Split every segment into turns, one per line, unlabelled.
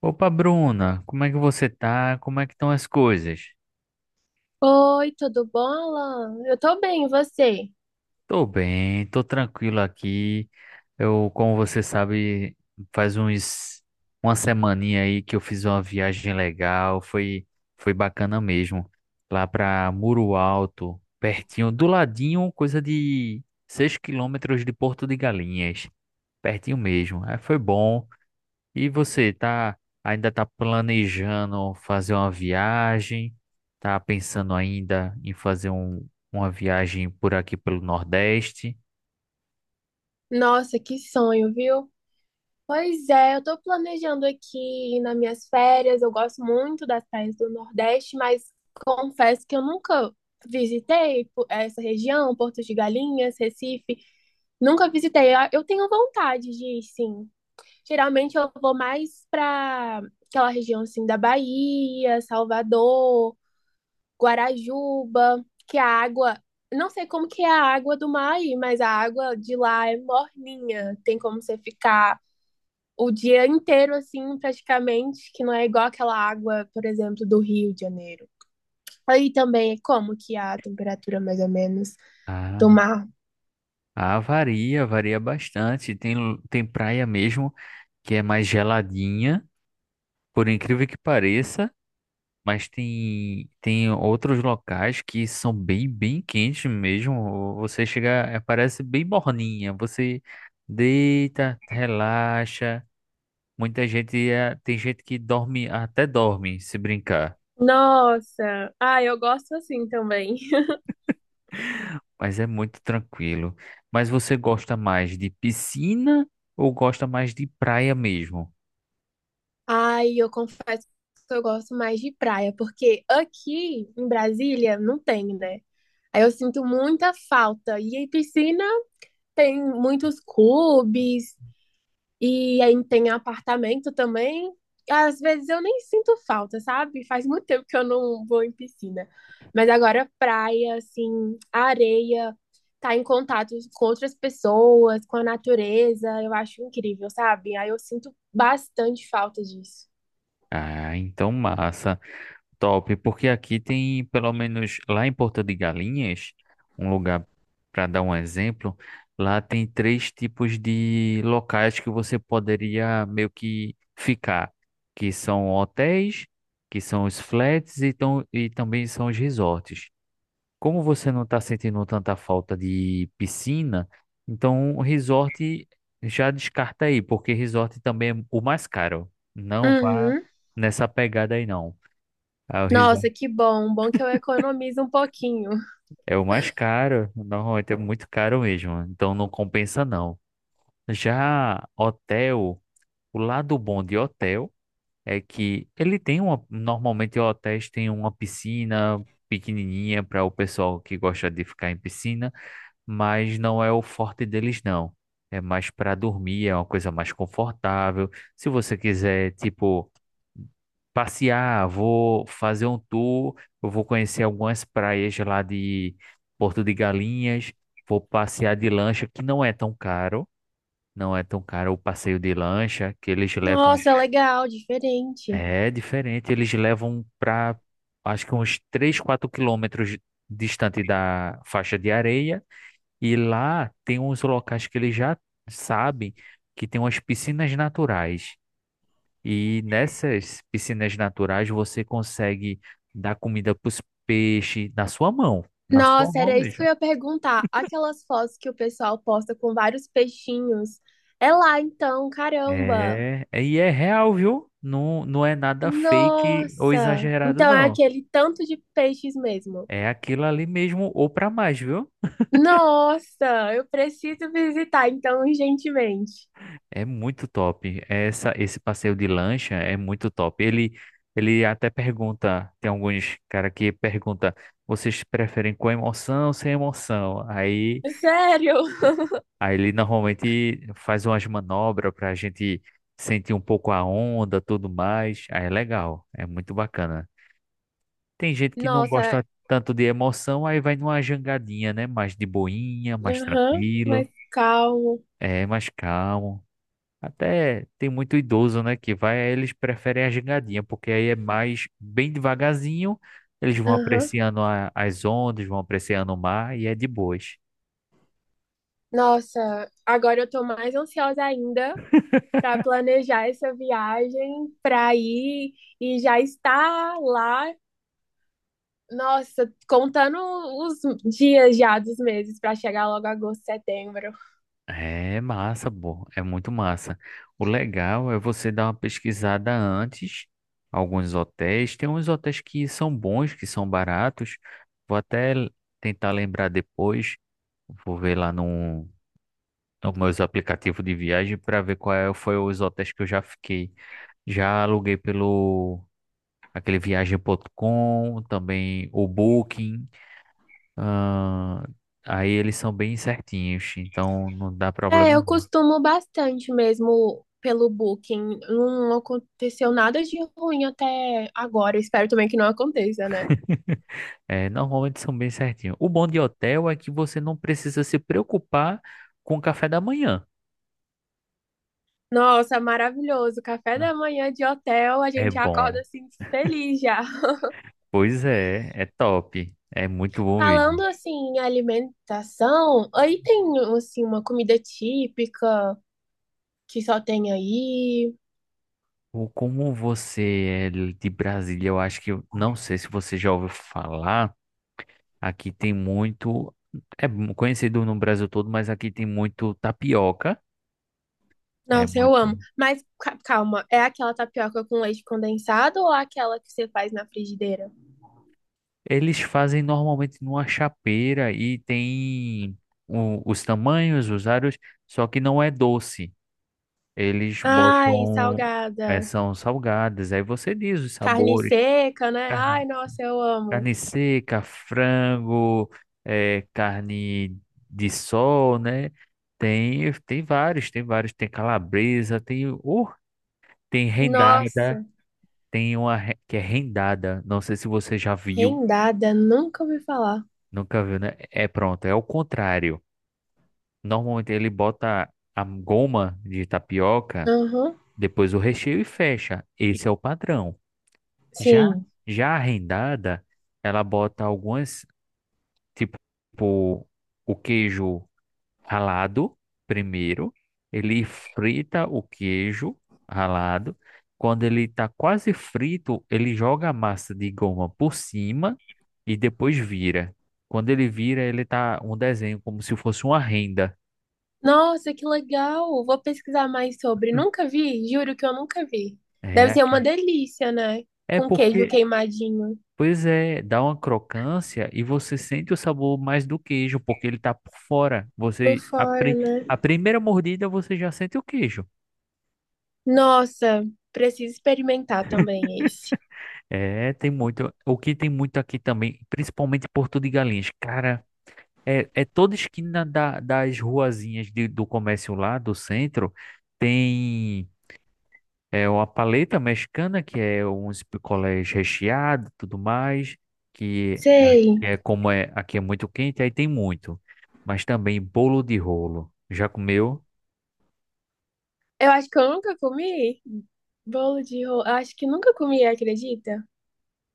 Opa, Bruna, como é que você tá? Como é que estão as coisas?
Oi, tudo bom, Alan? Eu tô bem, e você?
Tô bem, tô tranquilo aqui. Eu, como você sabe, faz uns uma semaninha aí que eu fiz uma viagem legal, foi bacana mesmo. Lá pra Muro Alto, pertinho, do ladinho, coisa de 6 quilômetros de Porto de Galinhas, pertinho mesmo. Aí foi bom. E você tá ainda tá planejando fazer uma viagem? Tá pensando ainda em fazer uma viagem por aqui pelo Nordeste?
Nossa, que sonho, viu? Pois é, eu tô planejando aqui nas minhas férias. Eu gosto muito das praias do Nordeste, mas confesso que eu nunca essa região, Porto de Galinhas, Recife. Nunca visitei. Eu tenho vontade de ir, sim. Geralmente eu vou mais pra aquela região assim da Bahia, Salvador. Guarajuba, que a água, não sei como que é a água do mar aí, mas a água de lá é morninha, tem como você ficar o dia inteiro assim, praticamente, que não é igual aquela água, por exemplo, do Rio de Janeiro. Aí também é como que a temperatura mais ou menos
Ah,
do mar.
varia, bastante. Tem, tem praia mesmo que é mais geladinha, por incrível que pareça, mas tem outros locais que são bem quentes mesmo. Você chega, parece bem morninha. Você deita, relaxa. Muita gente tem gente que dorme, até dorme se brincar,
Nossa, eu gosto assim também.
mas é muito tranquilo. Mas você gosta mais de piscina ou gosta mais de praia mesmo?
Ai, eu confesso que eu gosto mais de praia, porque aqui em Brasília não tem, né? Aí eu sinto muita falta. E aí piscina, tem muitos clubes e aí tem apartamento também. Às vezes eu nem sinto falta, sabe? Faz muito tempo que eu não vou em piscina. Mas agora praia, assim, areia, tá em contato com outras pessoas, com a natureza, eu acho incrível, sabe? Aí eu sinto bastante falta disso.
Ah, então massa. Top, porque aqui tem, pelo menos lá em Porto de Galinhas, um lugar para dar um exemplo, lá tem três tipos de locais que você poderia meio que ficar, que são hotéis, que são os flats e também são os resorts. Como você não está sentindo tanta falta de piscina, então o resort já descarta aí, porque resort também é o mais caro. Não vá
Uhum.
nessa pegada aí, não. O resort
Nossa, que bom. Bom que eu economizo um pouquinho.
é o mais caro, normalmente é muito caro mesmo, então não compensa não. Já hotel, o lado bom de hotel é que ele tem uma, normalmente hotéis têm uma piscina pequenininha para o pessoal que gosta de ficar em piscina, mas não é o forte deles, não. É mais para dormir, é uma coisa mais confortável. Se você quiser, tipo, passear, vou fazer um tour, eu vou conhecer algumas praias lá de Porto de Galinhas, vou passear de lancha, que não é tão caro, o passeio de lancha, que eles levam,
Nossa, legal, diferente.
é diferente, eles levam para, acho que uns 3 4 quilômetros distante da faixa de areia, e lá tem uns locais que eles já sabem que tem umas piscinas naturais. E nessas piscinas naturais você consegue dar comida para os peixes na sua mão. Na sua
Nossa,
mão
era isso que
mesmo.
eu ia perguntar. Aquelas fotos que o pessoal posta com vários peixinhos. É lá então, caramba.
E é real, viu? Não, não é nada fake ou
Nossa.
exagerado,
Então é
não.
aquele tanto de peixes mesmo.
É aquilo ali mesmo ou para mais, viu?
Nossa, eu preciso visitar então urgentemente.
É muito top. Esse passeio de lancha é muito top. Ele até pergunta, tem alguns cara que pergunta, vocês preferem com emoção ou sem emoção? Aí,
Sério?
aí ele normalmente faz umas manobras para a gente sentir um pouco a onda, tudo mais. Aí é legal, é muito bacana. Tem gente que não
Nossa.
gosta tanto de emoção, aí vai numa jangadinha, né? Mais de boinha, mais
Aham, mas
tranquilo,
calmo.
é mais calmo. Até tem muito idoso, né, que vai, aí eles preferem a gingadinha, porque aí é mais bem devagarzinho, eles vão
Aham.
apreciando as ondas, vão apreciando o mar e é de boas.
Nossa, agora eu tô mais ansiosa ainda para planejar essa viagem, para ir e já estar lá. Nossa, contando os dias já, dos meses para chegar logo agosto, setembro.
É massa, pô, é muito massa. O legal é você dar uma pesquisada antes, alguns hotéis, tem uns hotéis que são bons, que são baratos. Vou até l- tentar lembrar depois, vou ver lá no nos meus aplicativos de viagem para ver foi os hotéis que eu já fiquei. Já aluguei pelo aquele viagem.com, também o Booking. ah, Aí eles são bem certinhos, então não dá
É,
problema.
eu costumo bastante mesmo pelo Booking. Não aconteceu nada de ruim até agora. Espero também que não aconteça, né?
É, normalmente são bem certinhos. O bom de hotel é que você não precisa se preocupar com o café da manhã,
Nossa, maravilhoso. Café da
né?
manhã de hotel, a
É
gente acorda
bom.
assim feliz já.
Pois é, é top. É muito bom
Falando
mesmo.
assim em alimentação, aí tem assim uma comida típica que só tem aí.
Ou Como você é de Brasília, eu acho que, não sei se você já ouviu falar, aqui tem muito, é conhecido no Brasil todo, mas aqui tem muito tapioca, é
Nossa, eu
muito.
amo. Mas calma, é aquela tapioca com leite condensado ou aquela que você faz na frigideira?
Eles fazem normalmente numa chapeira e tem os tamanhos, os aros, só que não é doce. Eles
Ai,
botam, é,
salgada.
são salgadas, aí você diz os
Carne
sabores.
seca, né? Ai, nossa, eu amo.
Carne seca, frango, carne de sol, né? Tem, tem vários, tem calabresa, tem, tem
Nossa,
rendada, tem que é rendada. Não sei se você já viu,
rendada, nunca ouvi falar.
nunca viu, né? É pronto, é o contrário. Normalmente ele bota a goma de tapioca,
Aham,
depois o recheio e fecha. Esse é o padrão. Já,
sim.
já a rendada, ela bota algumas, tipo, o queijo ralado primeiro, ele frita o queijo ralado. Quando ele está quase frito, ele joga a massa de goma por cima e depois vira. Quando ele vira, ele tá um desenho como se fosse uma renda.
Nossa, que legal. Vou pesquisar mais sobre. Nunca vi, juro que eu nunca vi.
É
Deve ser uma
aqui.
delícia, né?
É
Com queijo
porque,
queimadinho.
pois é, dá uma crocância e você sente o sabor mais do queijo, porque ele tá por fora.
Por fora, né?
A primeira mordida você já sente o queijo.
Nossa, preciso experimentar também esse.
É, tem muito. O que tem muito aqui também, principalmente em Porto de Galinhas, cara, é toda esquina das ruazinhas do comércio lá, do centro, tem uma paleta mexicana, que é uns picolés recheados, tudo mais, que
Sei.
é, é como é, aqui é muito quente, aí tem muito. Mas também bolo de rolo. Já comeu?
Eu acho que eu nunca comi bolo de rolo. Acho que nunca comi, acredita?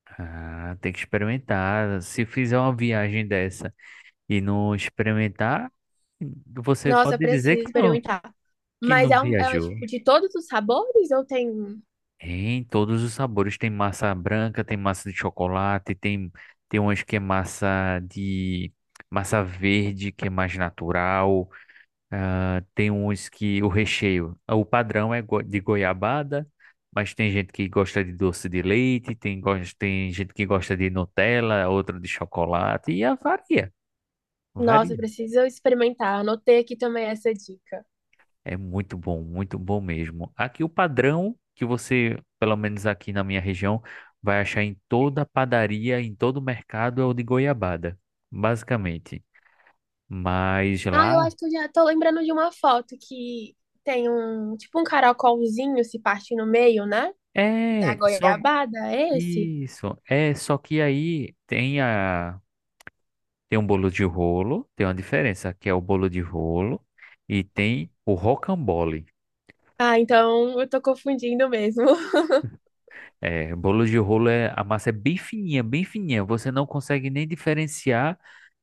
Ah, tem que experimentar. Se fizer uma viagem dessa e não experimentar, você
Nossa,
pode dizer
preciso experimentar.
que
Mas
não
é, um, é um,
viajou.
tipo de todos os sabores ou tem um?
Em todos os sabores. Tem massa branca, tem massa de chocolate, tem, tem umas que é massa de. Massa verde, que é mais natural. Tem uns que o recheio. O padrão é de goiabada, mas tem gente que gosta de doce de leite, tem, tem gente que gosta de Nutella, outra de chocolate, e varia.
Nossa,
Varia.
preciso experimentar. Anotei aqui também essa dica.
É muito bom mesmo. Aqui o padrão que você, pelo menos aqui na minha região, vai achar em toda padaria, em todo mercado é o de goiabada, basicamente. Mas
Ah, eu
lá
acho que eu já tô lembrando de uma foto que tem um tipo um caracolzinho, se parte no meio, né? Da
é só
goiabada, é esse?
isso, é só que aí tem um bolo de rolo, tem uma diferença, que é o bolo de rolo e tem o rocambole.
Ah, então eu tô confundindo mesmo.
É, bolo de rolo é a massa é bem fininha, você não consegue nem diferenciar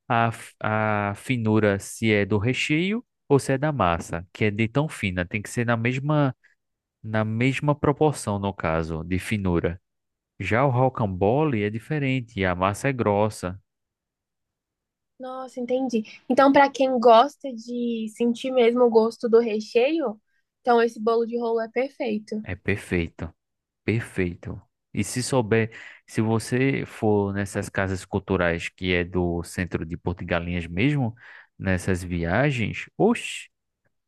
a finura se é do recheio ou se é da massa, que é de tão fina, tem que ser na mesma proporção, no caso, de finura. Já o rocambole é diferente, a massa é grossa,
Nossa, entendi. Então, para quem gosta de sentir mesmo o gosto do recheio, então esse bolo de rolo é perfeito.
é perfeito, perfeito. E se souber, se você for nessas casas culturais que é do centro de Porto de Galinhas mesmo, nessas viagens, oxe.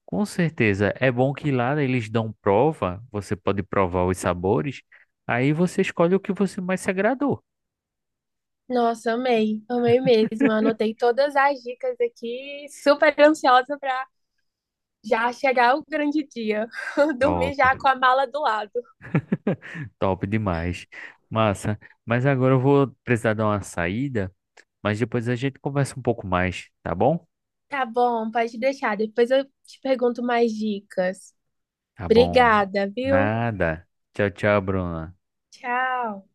Com certeza. É bom que lá eles dão prova, você pode provar os sabores, aí você escolhe o que você mais se agradou.
Nossa, amei, amei mesmo. Anotei todas as dicas aqui, super ansiosa para já chegar o grande dia. Dormir
Top,
já com a mala do lado.
top demais. Massa. Mas agora eu vou precisar dar uma saída, mas depois a gente conversa um pouco mais, tá bom?
Tá bom, pode deixar. Depois eu te pergunto mais dicas.
Tá bom.
Obrigada, viu?
Nada. Tchau, tchau, Bruna.
Tchau.